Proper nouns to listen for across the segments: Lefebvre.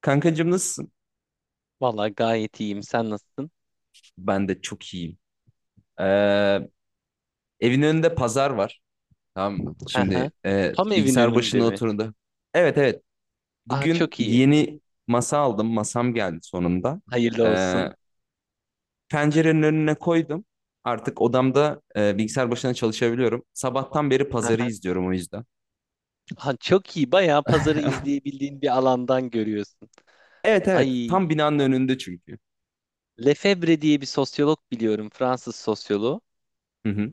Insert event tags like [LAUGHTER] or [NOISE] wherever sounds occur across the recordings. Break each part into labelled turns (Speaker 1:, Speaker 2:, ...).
Speaker 1: Kankacığım nasılsın?
Speaker 2: Vallahi gayet iyiyim. Sen nasılsın?
Speaker 1: Ben de çok iyiyim. Ee, Evin önünde pazar var. Tamam mı?
Speaker 2: Hı hı.
Speaker 1: Şimdi
Speaker 2: Tam evin
Speaker 1: bilgisayar
Speaker 2: önünde
Speaker 1: başına
Speaker 2: mi?
Speaker 1: oturdu. Evet, evet.
Speaker 2: Aa
Speaker 1: Bugün
Speaker 2: çok iyi.
Speaker 1: yeni masa aldım. Masam geldi sonunda.
Speaker 2: Hayırlı
Speaker 1: Ee,
Speaker 2: olsun.
Speaker 1: Pencerenin önüne koydum. Artık odamda bilgisayar başına çalışabiliyorum. Sabahtan beri
Speaker 2: Hı
Speaker 1: pazarı
Speaker 2: hı.
Speaker 1: izliyorum o yüzden.
Speaker 2: Aha, çok iyi. Bayağı pazarı
Speaker 1: [LAUGHS]
Speaker 2: izleyebildiğin bir alandan görüyorsun.
Speaker 1: Evet, evet.
Speaker 2: Ay,
Speaker 1: Tam binanın önünde çünkü.
Speaker 2: Lefebvre diye bir sosyolog biliyorum, Fransız sosyoloğu.
Speaker 1: Hı hı.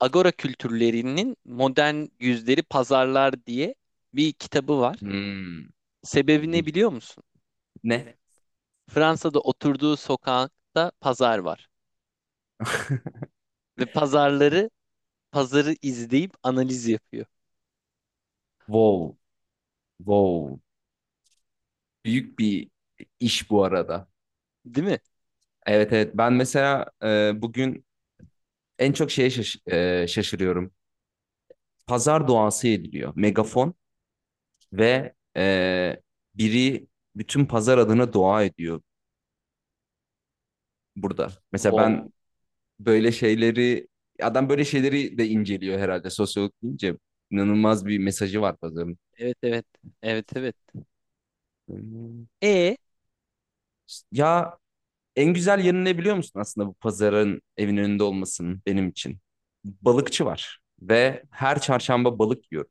Speaker 2: Agora kültürlerinin modern yüzleri pazarlar diye bir kitabı var.
Speaker 1: Hmm,
Speaker 2: Sebebi ne
Speaker 1: ilginç.
Speaker 2: biliyor musun?
Speaker 1: Ne?
Speaker 2: Fransa'da oturduğu sokakta pazar var ve pazarları pazarı izleyip analiz yapıyor.
Speaker 1: Wow. Wow. Büyük bir iş bu arada.
Speaker 2: Değil mi?
Speaker 1: Evet, evet, ben mesela bugün en çok şeye şaşırıyorum. Pazar duası ediliyor. Megafon ve biri bütün pazar adına dua ediyor burada. Mesela
Speaker 2: Wow.
Speaker 1: ben böyle şeyleri adam böyle şeyleri de inceliyor herhalde sosyolog deyince inanılmaz bir mesajı var pazarın.
Speaker 2: Evet evet. Evet evet.
Speaker 1: Hmm.
Speaker 2: E
Speaker 1: Ya en güzel yanı ne biliyor musun aslında bu pazarın evin önünde olmasının benim için? Balıkçı var ve her çarşamba balık yiyorum.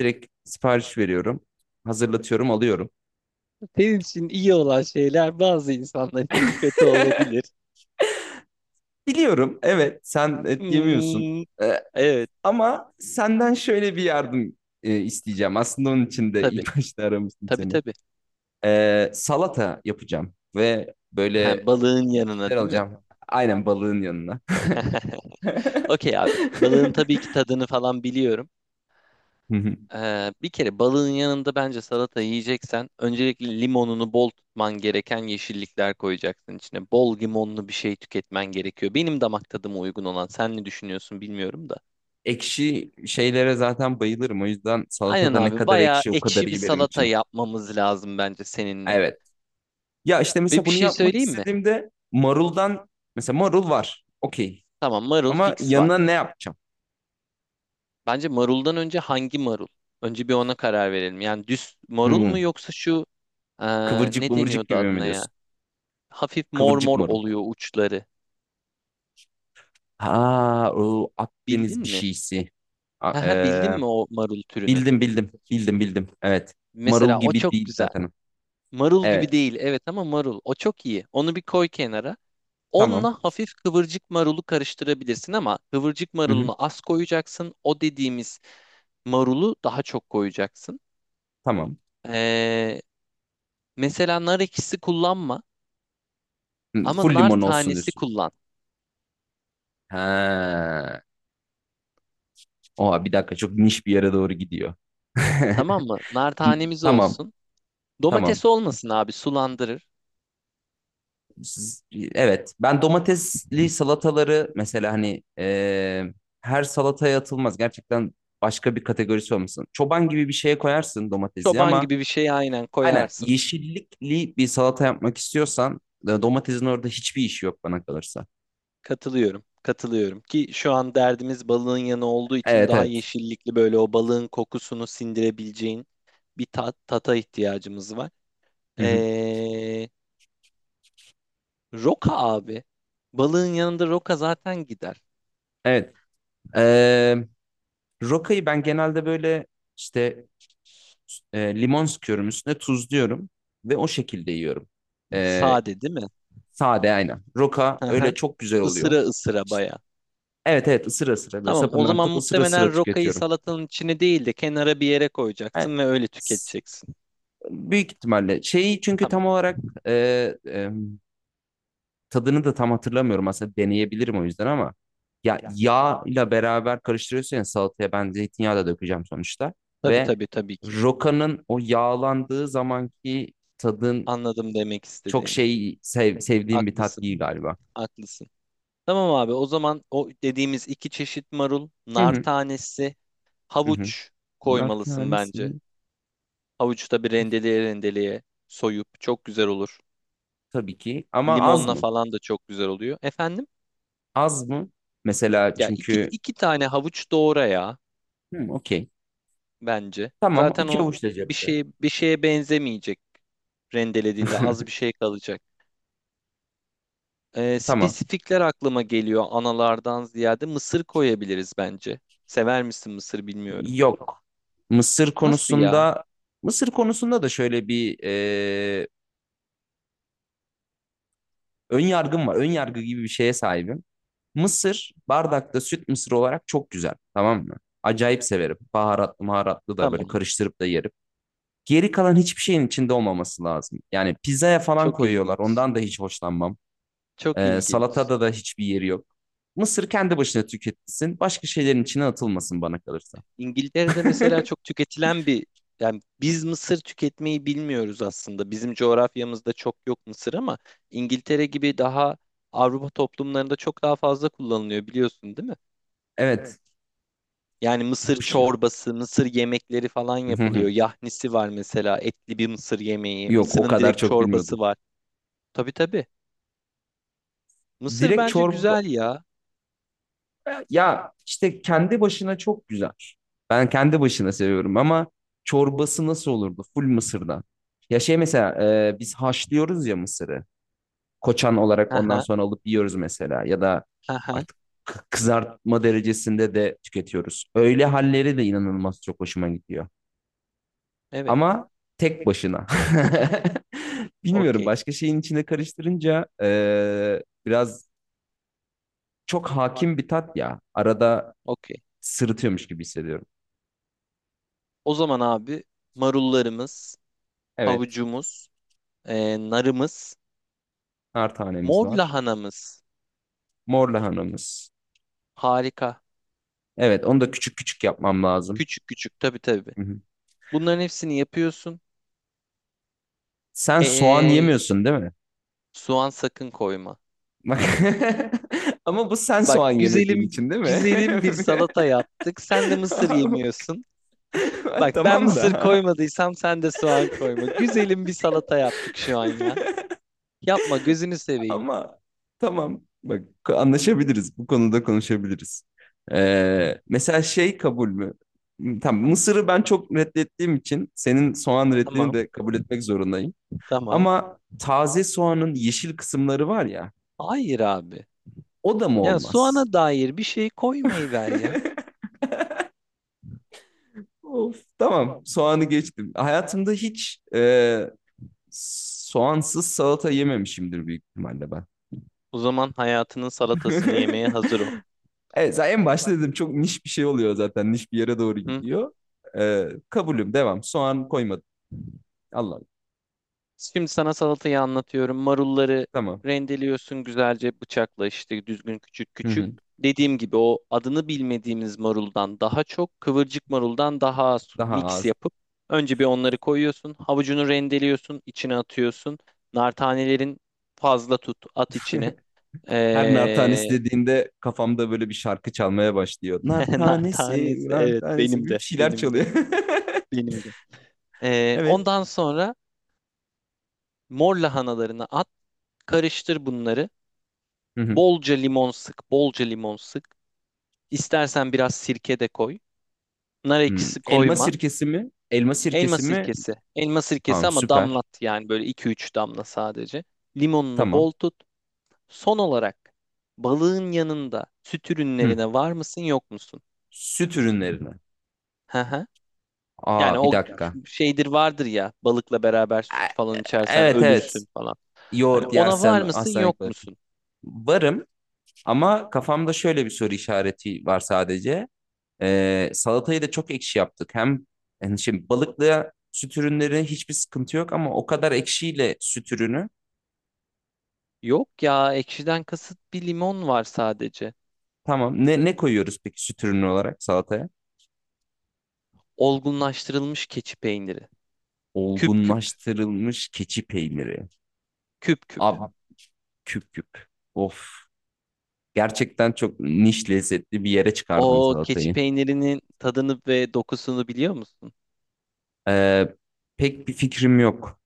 Speaker 1: Direkt sipariş veriyorum. Hazırlatıyorum, alıyorum.
Speaker 2: Senin için iyi olan şeyler bazı insanlar için kötü olabilir.
Speaker 1: Biliyorum, evet, sen et yemiyorsun.
Speaker 2: Hmm,
Speaker 1: Ee,
Speaker 2: evet
Speaker 1: Ama senden şöyle bir yardım isteyeceğim. Aslında onun için de
Speaker 2: tabii.
Speaker 1: ilk [LAUGHS] başta aramıştım
Speaker 2: Tabii
Speaker 1: seni.
Speaker 2: tabii.
Speaker 1: Salata yapacağım ve
Speaker 2: Ha,
Speaker 1: böyle
Speaker 2: balığın
Speaker 1: bir şeyler
Speaker 2: yanına değil mi?
Speaker 1: alacağım. Aynen balığın yanına.
Speaker 2: [LAUGHS] Okey
Speaker 1: [LAUGHS]
Speaker 2: abi. Balığın tabii ki tadını falan biliyorum.
Speaker 1: Hı hı.
Speaker 2: Bir kere balığın yanında bence salata yiyeceksen öncelikle limonunu bol tutman gereken yeşillikler koyacaksın içine. Bol limonlu bir şey tüketmen gerekiyor. Benim damak tadıma uygun olan. Sen ne düşünüyorsun bilmiyorum da.
Speaker 1: Ekşi şeylere zaten bayılırım. O yüzden
Speaker 2: Aynen
Speaker 1: salatada ne
Speaker 2: abi
Speaker 1: kadar
Speaker 2: bayağı
Speaker 1: ekşi o kadar
Speaker 2: ekşi bir
Speaker 1: iyi benim
Speaker 2: salata
Speaker 1: için.
Speaker 2: yapmamız lazım bence seninle.
Speaker 1: Evet. Ya işte
Speaker 2: Ve
Speaker 1: mesela
Speaker 2: bir
Speaker 1: bunu
Speaker 2: şey
Speaker 1: yapmak
Speaker 2: söyleyeyim mi?
Speaker 1: istediğimde maruldan mesela marul var. Okey.
Speaker 2: Tamam marul
Speaker 1: Ama
Speaker 2: fix
Speaker 1: yanına
Speaker 2: var.
Speaker 1: ne yapacağım?
Speaker 2: Bence maruldan önce hangi marul? Önce bir ona karar verelim. Yani düz marul mu
Speaker 1: Hmm.
Speaker 2: yoksa şu eee,
Speaker 1: Kıvırcık
Speaker 2: ne
Speaker 1: mıvırcık
Speaker 2: deniyordu
Speaker 1: gibi mi
Speaker 2: adına ya?
Speaker 1: diyorsun?
Speaker 2: Hafif mor
Speaker 1: Kıvırcık
Speaker 2: mor
Speaker 1: marul.
Speaker 2: oluyor uçları.
Speaker 1: Ha, o
Speaker 2: Bildin
Speaker 1: Akdeniz bir
Speaker 2: mi?
Speaker 1: şeysi.
Speaker 2: [LAUGHS]
Speaker 1: A-
Speaker 2: Haha, Bildin
Speaker 1: e,
Speaker 2: mi o marul türünü?
Speaker 1: Bildim, bildim. Bildim, bildim. Evet.
Speaker 2: Mesela
Speaker 1: Marul
Speaker 2: o
Speaker 1: gibi
Speaker 2: çok
Speaker 1: değil
Speaker 2: güzel.
Speaker 1: zaten.
Speaker 2: Marul gibi
Speaker 1: Evet.
Speaker 2: değil evet ama marul. O çok iyi. Onu bir koy kenara.
Speaker 1: Tamam.
Speaker 2: Onunla hafif kıvırcık marulu karıştırabilirsin ama kıvırcık
Speaker 1: Hı-hı.
Speaker 2: marulunu az koyacaksın. O dediğimiz marulu daha çok koyacaksın.
Speaker 1: Tamam.
Speaker 2: Ee, Mesela nar ekşisi kullanma
Speaker 1: Hı,
Speaker 2: ama
Speaker 1: full
Speaker 2: nar
Speaker 1: limon olsun
Speaker 2: tanesi
Speaker 1: diyorsun.
Speaker 2: kullan.
Speaker 1: Ha. Oha, bir dakika, çok niş bir yere doğru gidiyor.
Speaker 2: Tamam mı? Nar
Speaker 1: [LAUGHS]
Speaker 2: tanemiz
Speaker 1: Tamam.
Speaker 2: olsun.
Speaker 1: Tamam.
Speaker 2: Domates olmasın abi sulandırır.
Speaker 1: Evet, ben domatesli salataları mesela hani her salataya atılmaz. Gerçekten başka bir kategorisi olmasın. Çoban gibi bir şeye koyarsın domatesi
Speaker 2: Çoban
Speaker 1: ama
Speaker 2: gibi bir şey aynen
Speaker 1: aynen
Speaker 2: koyarsın.
Speaker 1: yeşillikli bir salata yapmak istiyorsan domatesin orada hiçbir işi yok bana kalırsa.
Speaker 2: Katılıyorum. Katılıyorum ki şu an derdimiz balığın yanı olduğu için
Speaker 1: Evet,
Speaker 2: daha
Speaker 1: evet.
Speaker 2: yeşillikli böyle o balığın kokusunu sindirebileceğin bir tata ihtiyacımız var.
Speaker 1: Hı hı.
Speaker 2: Ee, Roka abi. Balığın yanında roka zaten gider.
Speaker 1: Evet. E, Rokayı ben genelde böyle işte limon sıkıyorum, üstüne tuzluyorum ve o şekilde yiyorum. E,
Speaker 2: Sade değil mi?
Speaker 1: Sade aynen. Roka
Speaker 2: Hı hı.
Speaker 1: öyle çok güzel oluyor.
Speaker 2: Isıra ısıra
Speaker 1: İşte,
Speaker 2: baya.
Speaker 1: evet, evet, ısıra ısıra böyle
Speaker 2: Tamam o
Speaker 1: sapından
Speaker 2: zaman
Speaker 1: tutup ısıra ısıra
Speaker 2: muhtemelen rokayı
Speaker 1: tüketiyorum.
Speaker 2: salatanın içine değil de kenara bir yere
Speaker 1: Yani,
Speaker 2: koyacaksın ve öyle
Speaker 1: s-
Speaker 2: tüketeceksin.
Speaker 1: büyük ihtimalle şeyi çünkü
Speaker 2: Tamam.
Speaker 1: tam olarak e, e, tadını da tam hatırlamıyorum aslında, deneyebilirim o yüzden ama ya yağ ile beraber karıştırıyorsun ya salataya ben zeytinyağı da dökeceğim sonuçta
Speaker 2: Tabii
Speaker 1: ve
Speaker 2: tabii tabii ki.
Speaker 1: rokanın o yağlandığı zamanki tadın
Speaker 2: Anladım demek
Speaker 1: çok
Speaker 2: istediğini.
Speaker 1: sevdiğim bir tat
Speaker 2: Haklısın,
Speaker 1: değil galiba.
Speaker 2: haklısın. Tamam abi o zaman o dediğimiz iki çeşit marul,
Speaker 1: Hı
Speaker 2: nar
Speaker 1: hı
Speaker 2: tanesi,
Speaker 1: hı hı.
Speaker 2: havuç
Speaker 1: Nar
Speaker 2: koymalısın bence.
Speaker 1: tanesi.
Speaker 2: Havucu da bir rendeleye rendeleye soyup çok güzel olur.
Speaker 1: Tabii ki ama az
Speaker 2: Limonla
Speaker 1: mı?
Speaker 2: falan da çok güzel oluyor. Efendim?
Speaker 1: Az mı? Mesela
Speaker 2: Ya iki,
Speaker 1: çünkü
Speaker 2: iki tane havuç doğra ya
Speaker 1: hmm, okey.
Speaker 2: bence.
Speaker 1: Tamam,
Speaker 2: Zaten
Speaker 1: iki
Speaker 2: o
Speaker 1: avuç da
Speaker 2: bir
Speaker 1: cepte.
Speaker 2: şeye bir şeye benzemeyecek rendelediğinde az bir
Speaker 1: [LAUGHS]
Speaker 2: şey kalacak.
Speaker 1: Tamam.
Speaker 2: Spesifikler aklıma geliyor analardan ziyade mısır koyabiliriz bence. Sever misin mısır bilmiyorum.
Speaker 1: Yok. Mısır
Speaker 2: Nasıl ya?
Speaker 1: konusunda Mısır konusunda da şöyle bir ön yargım var. Ön yargı gibi bir şeye sahibim. Mısır bardakta süt mısır olarak çok güzel. Tamam mı? Acayip severim. Baharatlı maharatlı da böyle
Speaker 2: Tamam.
Speaker 1: karıştırıp da yerim. Geri kalan hiçbir şeyin içinde olmaması lazım. Yani pizzaya falan
Speaker 2: Çok
Speaker 1: koyuyorlar.
Speaker 2: ilginç.
Speaker 1: Ondan da hiç hoşlanmam.
Speaker 2: Çok ilginç.
Speaker 1: Salatada da hiçbir yeri yok. Mısır kendi başına tüketilsin. Başka şeylerin içine atılmasın bana kalırsa.
Speaker 2: İngiltere'de
Speaker 1: [LAUGHS]
Speaker 2: mesela çok tüketilen yani biz mısır tüketmeyi bilmiyoruz aslında. Bizim coğrafyamızda çok yok mısır ama İngiltere gibi daha Avrupa toplumlarında çok daha fazla kullanılıyor biliyorsun değil mi?
Speaker 1: Evet.
Speaker 2: Yani mısır
Speaker 1: Huş-
Speaker 2: çorbası, mısır yemekleri falan yapılıyor.
Speaker 1: [LAUGHS]
Speaker 2: Yahnisi var mesela etli bir mısır yemeği.
Speaker 1: Yok, o
Speaker 2: Mısırın
Speaker 1: kadar
Speaker 2: direkt
Speaker 1: çok
Speaker 2: çorbası
Speaker 1: bilmiyordum.
Speaker 2: var. Tabii tabii. Mısır
Speaker 1: Direkt
Speaker 2: bence
Speaker 1: çorba,
Speaker 2: güzel ya.
Speaker 1: ya işte kendi başına çok güzel. Ben kendi başına seviyorum ama çorbası nasıl olurdu? Full mısırdan. Ya şey mesela biz haşlıyoruz ya mısırı, koçan olarak, ondan
Speaker 2: Haha,
Speaker 1: sonra alıp yiyoruz mesela ya da
Speaker 2: haha.
Speaker 1: artık kızartma derecesinde de tüketiyoruz. Öyle halleri de inanılmaz çok hoşuma gidiyor.
Speaker 2: Evet.
Speaker 1: Ama tek başına. [LAUGHS] Bilmiyorum,
Speaker 2: Okey.
Speaker 1: başka şeyin içine karıştırınca biraz çok hakim bir tat ya. Arada
Speaker 2: Okey.
Speaker 1: sırıtıyormuş gibi hissediyorum.
Speaker 2: O zaman abi marullarımız,
Speaker 1: Evet,
Speaker 2: havucumuz, narımız.
Speaker 1: nar tanemiz
Speaker 2: Mor
Speaker 1: var.
Speaker 2: lahanamız.
Speaker 1: Mor lahanamız.
Speaker 2: Harika.
Speaker 1: Evet, onu da küçük küçük yapmam lazım.
Speaker 2: Küçük küçük tabii tabii.
Speaker 1: Hı hı.
Speaker 2: Bunların hepsini yapıyorsun.
Speaker 1: Sen soğan
Speaker 2: Ee,
Speaker 1: yemiyorsun değil mi?
Speaker 2: Soğan sakın koyma.
Speaker 1: Bak. [LAUGHS] Ama bu sen
Speaker 2: Bak
Speaker 1: soğan yemediğin
Speaker 2: güzelim
Speaker 1: için değil mi?
Speaker 2: güzelim bir salata yaptık. Sen de mısır yemiyorsun.
Speaker 1: [LAUGHS]
Speaker 2: Bak ben
Speaker 1: Tamam
Speaker 2: mısır
Speaker 1: da.
Speaker 2: koymadıysam sen de soğan koyma. Güzelim bir salata yaptık şu an ya.
Speaker 1: [LAUGHS]
Speaker 2: Yapma gözünü seveyim.
Speaker 1: Ama tamam. Bak, anlaşabiliriz. Bu konuda konuşabiliriz. Mesela şey kabul mü? Tamam, Mısır'ı ben çok reddettiğim için senin soğan reddini
Speaker 2: Tamam,
Speaker 1: de kabul etmek zorundayım.
Speaker 2: tamam.
Speaker 1: Ama taze soğanın yeşil kısımları var ya,
Speaker 2: Hayır abi.
Speaker 1: o da mı
Speaker 2: Ya
Speaker 1: olmaz?
Speaker 2: soğana dair bir şey koymayı ver ya.
Speaker 1: [LAUGHS] Of, tamam, soğanı geçtim. Hayatımda hiç soğansız salata yememişimdir büyük ihtimalle ben.
Speaker 2: O zaman hayatının salatasını yemeye hazır ol.
Speaker 1: [LAUGHS] Evet, zaten en başta dedim, çok niş bir şey oluyor zaten. Niş bir yere doğru
Speaker 2: Hı?
Speaker 1: gidiyor. Kabulüm devam. Soğan koymadım. Allah Allah.
Speaker 2: Şimdi sana salatayı anlatıyorum. Marulları
Speaker 1: Tamam.
Speaker 2: rendeliyorsun güzelce bıçakla işte düzgün küçük
Speaker 1: Hı
Speaker 2: küçük.
Speaker 1: hı.
Speaker 2: Dediğim gibi o adını bilmediğimiz maruldan daha çok kıvırcık maruldan daha az
Speaker 1: Daha
Speaker 2: mix
Speaker 1: az.
Speaker 2: yapıp önce bir onları koyuyorsun. Havucunu rendeliyorsun, içine atıyorsun. Nar tanelerin fazla tut, at içine.
Speaker 1: Her nar
Speaker 2: Ee,
Speaker 1: tanesi dediğinde kafamda böyle bir şarkı çalmaya başlıyor. Nar
Speaker 2: [LAUGHS] nar
Speaker 1: tanesi,
Speaker 2: tanesi
Speaker 1: nar
Speaker 2: evet
Speaker 1: tanesi
Speaker 2: benim
Speaker 1: bir
Speaker 2: de
Speaker 1: şeyler
Speaker 2: benim de
Speaker 1: çalıyor. [LAUGHS]
Speaker 2: benim de.
Speaker 1: Evet.
Speaker 2: Ondan sonra mor lahanalarını at, karıştır bunları.
Speaker 1: Hı hı.
Speaker 2: Bolca limon sık, bolca limon sık. İstersen biraz sirke de koy. Nar
Speaker 1: Hı.
Speaker 2: ekşisi
Speaker 1: Elma
Speaker 2: koyma.
Speaker 1: sirkesi mi? Elma
Speaker 2: Elma
Speaker 1: sirkesi mi?
Speaker 2: sirkesi. Elma sirkesi
Speaker 1: Tamam,
Speaker 2: ama
Speaker 1: süper.
Speaker 2: damlat yani böyle iki üç damla sadece. Limonunu
Speaker 1: Tamam.
Speaker 2: bol tut. Son olarak balığın yanında süt
Speaker 1: Hı.
Speaker 2: ürünlerine var mısın yok musun?
Speaker 1: Süt ürünlerine.
Speaker 2: Hı hı. Yani
Speaker 1: Aa, bir
Speaker 2: o
Speaker 1: dakika.
Speaker 2: şeydir vardır ya balıkla beraber
Speaker 1: E-
Speaker 2: süt falan içersen
Speaker 1: Evet, evet.
Speaker 2: ölürsün falan. Hani
Speaker 1: Yoğurt
Speaker 2: ona var
Speaker 1: yersen
Speaker 2: mısın
Speaker 1: hastanelik
Speaker 2: yok
Speaker 1: kalır.
Speaker 2: musun?
Speaker 1: Varım ama kafamda şöyle bir soru işareti var sadece. Salatayı da çok ekşi yaptık. Hem yani şimdi balıkla süt ürünleri hiçbir sıkıntı yok ama o kadar ekşiyle süt ürünü.
Speaker 2: Yok ya ekşiden kasıt bir limon var sadece.
Speaker 1: Tamam. Ne koyuyoruz peki süt ürünü olarak salataya?
Speaker 2: Olgunlaştırılmış keçi peyniri. Küp küp.
Speaker 1: Olgunlaştırılmış keçi peyniri.
Speaker 2: Küp küp.
Speaker 1: Abi küp küp. Of. Gerçekten çok niş lezzetli bir yere çıkardın
Speaker 2: O keçi
Speaker 1: salatayı.
Speaker 2: peynirinin tadını ve dokusunu biliyor musun?
Speaker 1: Ee, Pek bir fikrim yok.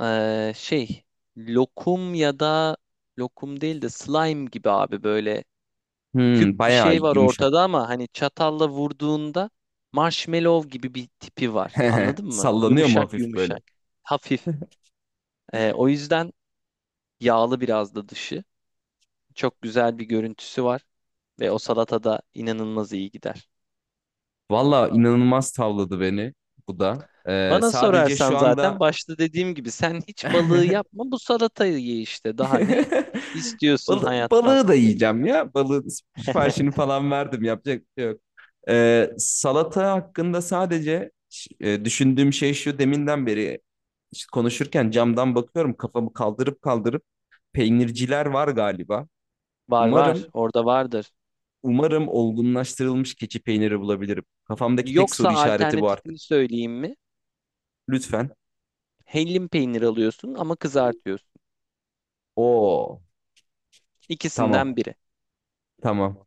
Speaker 2: Şey, lokum ya da lokum değil de slime gibi abi böyle küp
Speaker 1: Hmm,
Speaker 2: bir
Speaker 1: bayağı
Speaker 2: şey var
Speaker 1: yumuşak.
Speaker 2: ortada ama hani çatalla vurduğunda marshmallow gibi bir tipi var.
Speaker 1: [LAUGHS]
Speaker 2: Anladın mı?
Speaker 1: Sallanıyor mu
Speaker 2: Yumuşak
Speaker 1: hafif böyle?
Speaker 2: yumuşak. Hafif. O yüzden yağlı biraz da dışı. Çok güzel bir görüntüsü var ve o salatada inanılmaz iyi gider.
Speaker 1: Valla inanılmaz tavladı beni bu da.
Speaker 2: Bana
Speaker 1: Sadece şu
Speaker 2: sorarsan
Speaker 1: anda
Speaker 2: zaten başta dediğim gibi sen hiç balığı
Speaker 1: [LAUGHS]
Speaker 2: yapma bu salatayı ye işte. Daha ne istiyorsun hayattan?
Speaker 1: Balığı da yiyeceğim ya. Balığın siparişini
Speaker 2: [LAUGHS]
Speaker 1: falan verdim. Yapacak bir şey yok. Salata hakkında sadece düşündüğüm şey şu, deminden beri işte konuşurken camdan bakıyorum kafamı kaldırıp kaldırıp, peynirciler var galiba.
Speaker 2: Var var
Speaker 1: Umarım,
Speaker 2: orada vardır.
Speaker 1: umarım olgunlaştırılmış keçi peyniri bulabilirim. Kafamdaki tek
Speaker 2: Yoksa
Speaker 1: soru işareti bu artık.
Speaker 2: alternatifini söyleyeyim mi?
Speaker 1: Lütfen.
Speaker 2: Hellim peynir alıyorsun ama kızartıyorsun.
Speaker 1: Oo,
Speaker 2: İkisinden
Speaker 1: tamam,
Speaker 2: biri.
Speaker 1: tamam.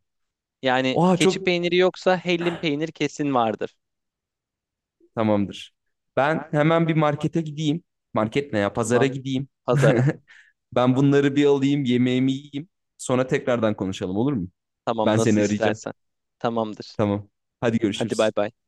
Speaker 2: Yani
Speaker 1: Oha
Speaker 2: keçi
Speaker 1: çok
Speaker 2: peyniri yoksa hellim peynir kesin vardır.
Speaker 1: tamamdır. Ben hemen bir markete gideyim. Market ne ya? Pazara
Speaker 2: Tamam
Speaker 1: gideyim. [LAUGHS]
Speaker 2: pazara.
Speaker 1: Ben bunları bir alayım, yemeğimi yiyeyim. Sonra tekrardan konuşalım, olur mu?
Speaker 2: Tamam
Speaker 1: Ben seni
Speaker 2: nasıl
Speaker 1: arayacağım.
Speaker 2: istersen. Tamamdır.
Speaker 1: Tamam. Hadi
Speaker 2: Hadi bay
Speaker 1: görüşürüz.
Speaker 2: bay.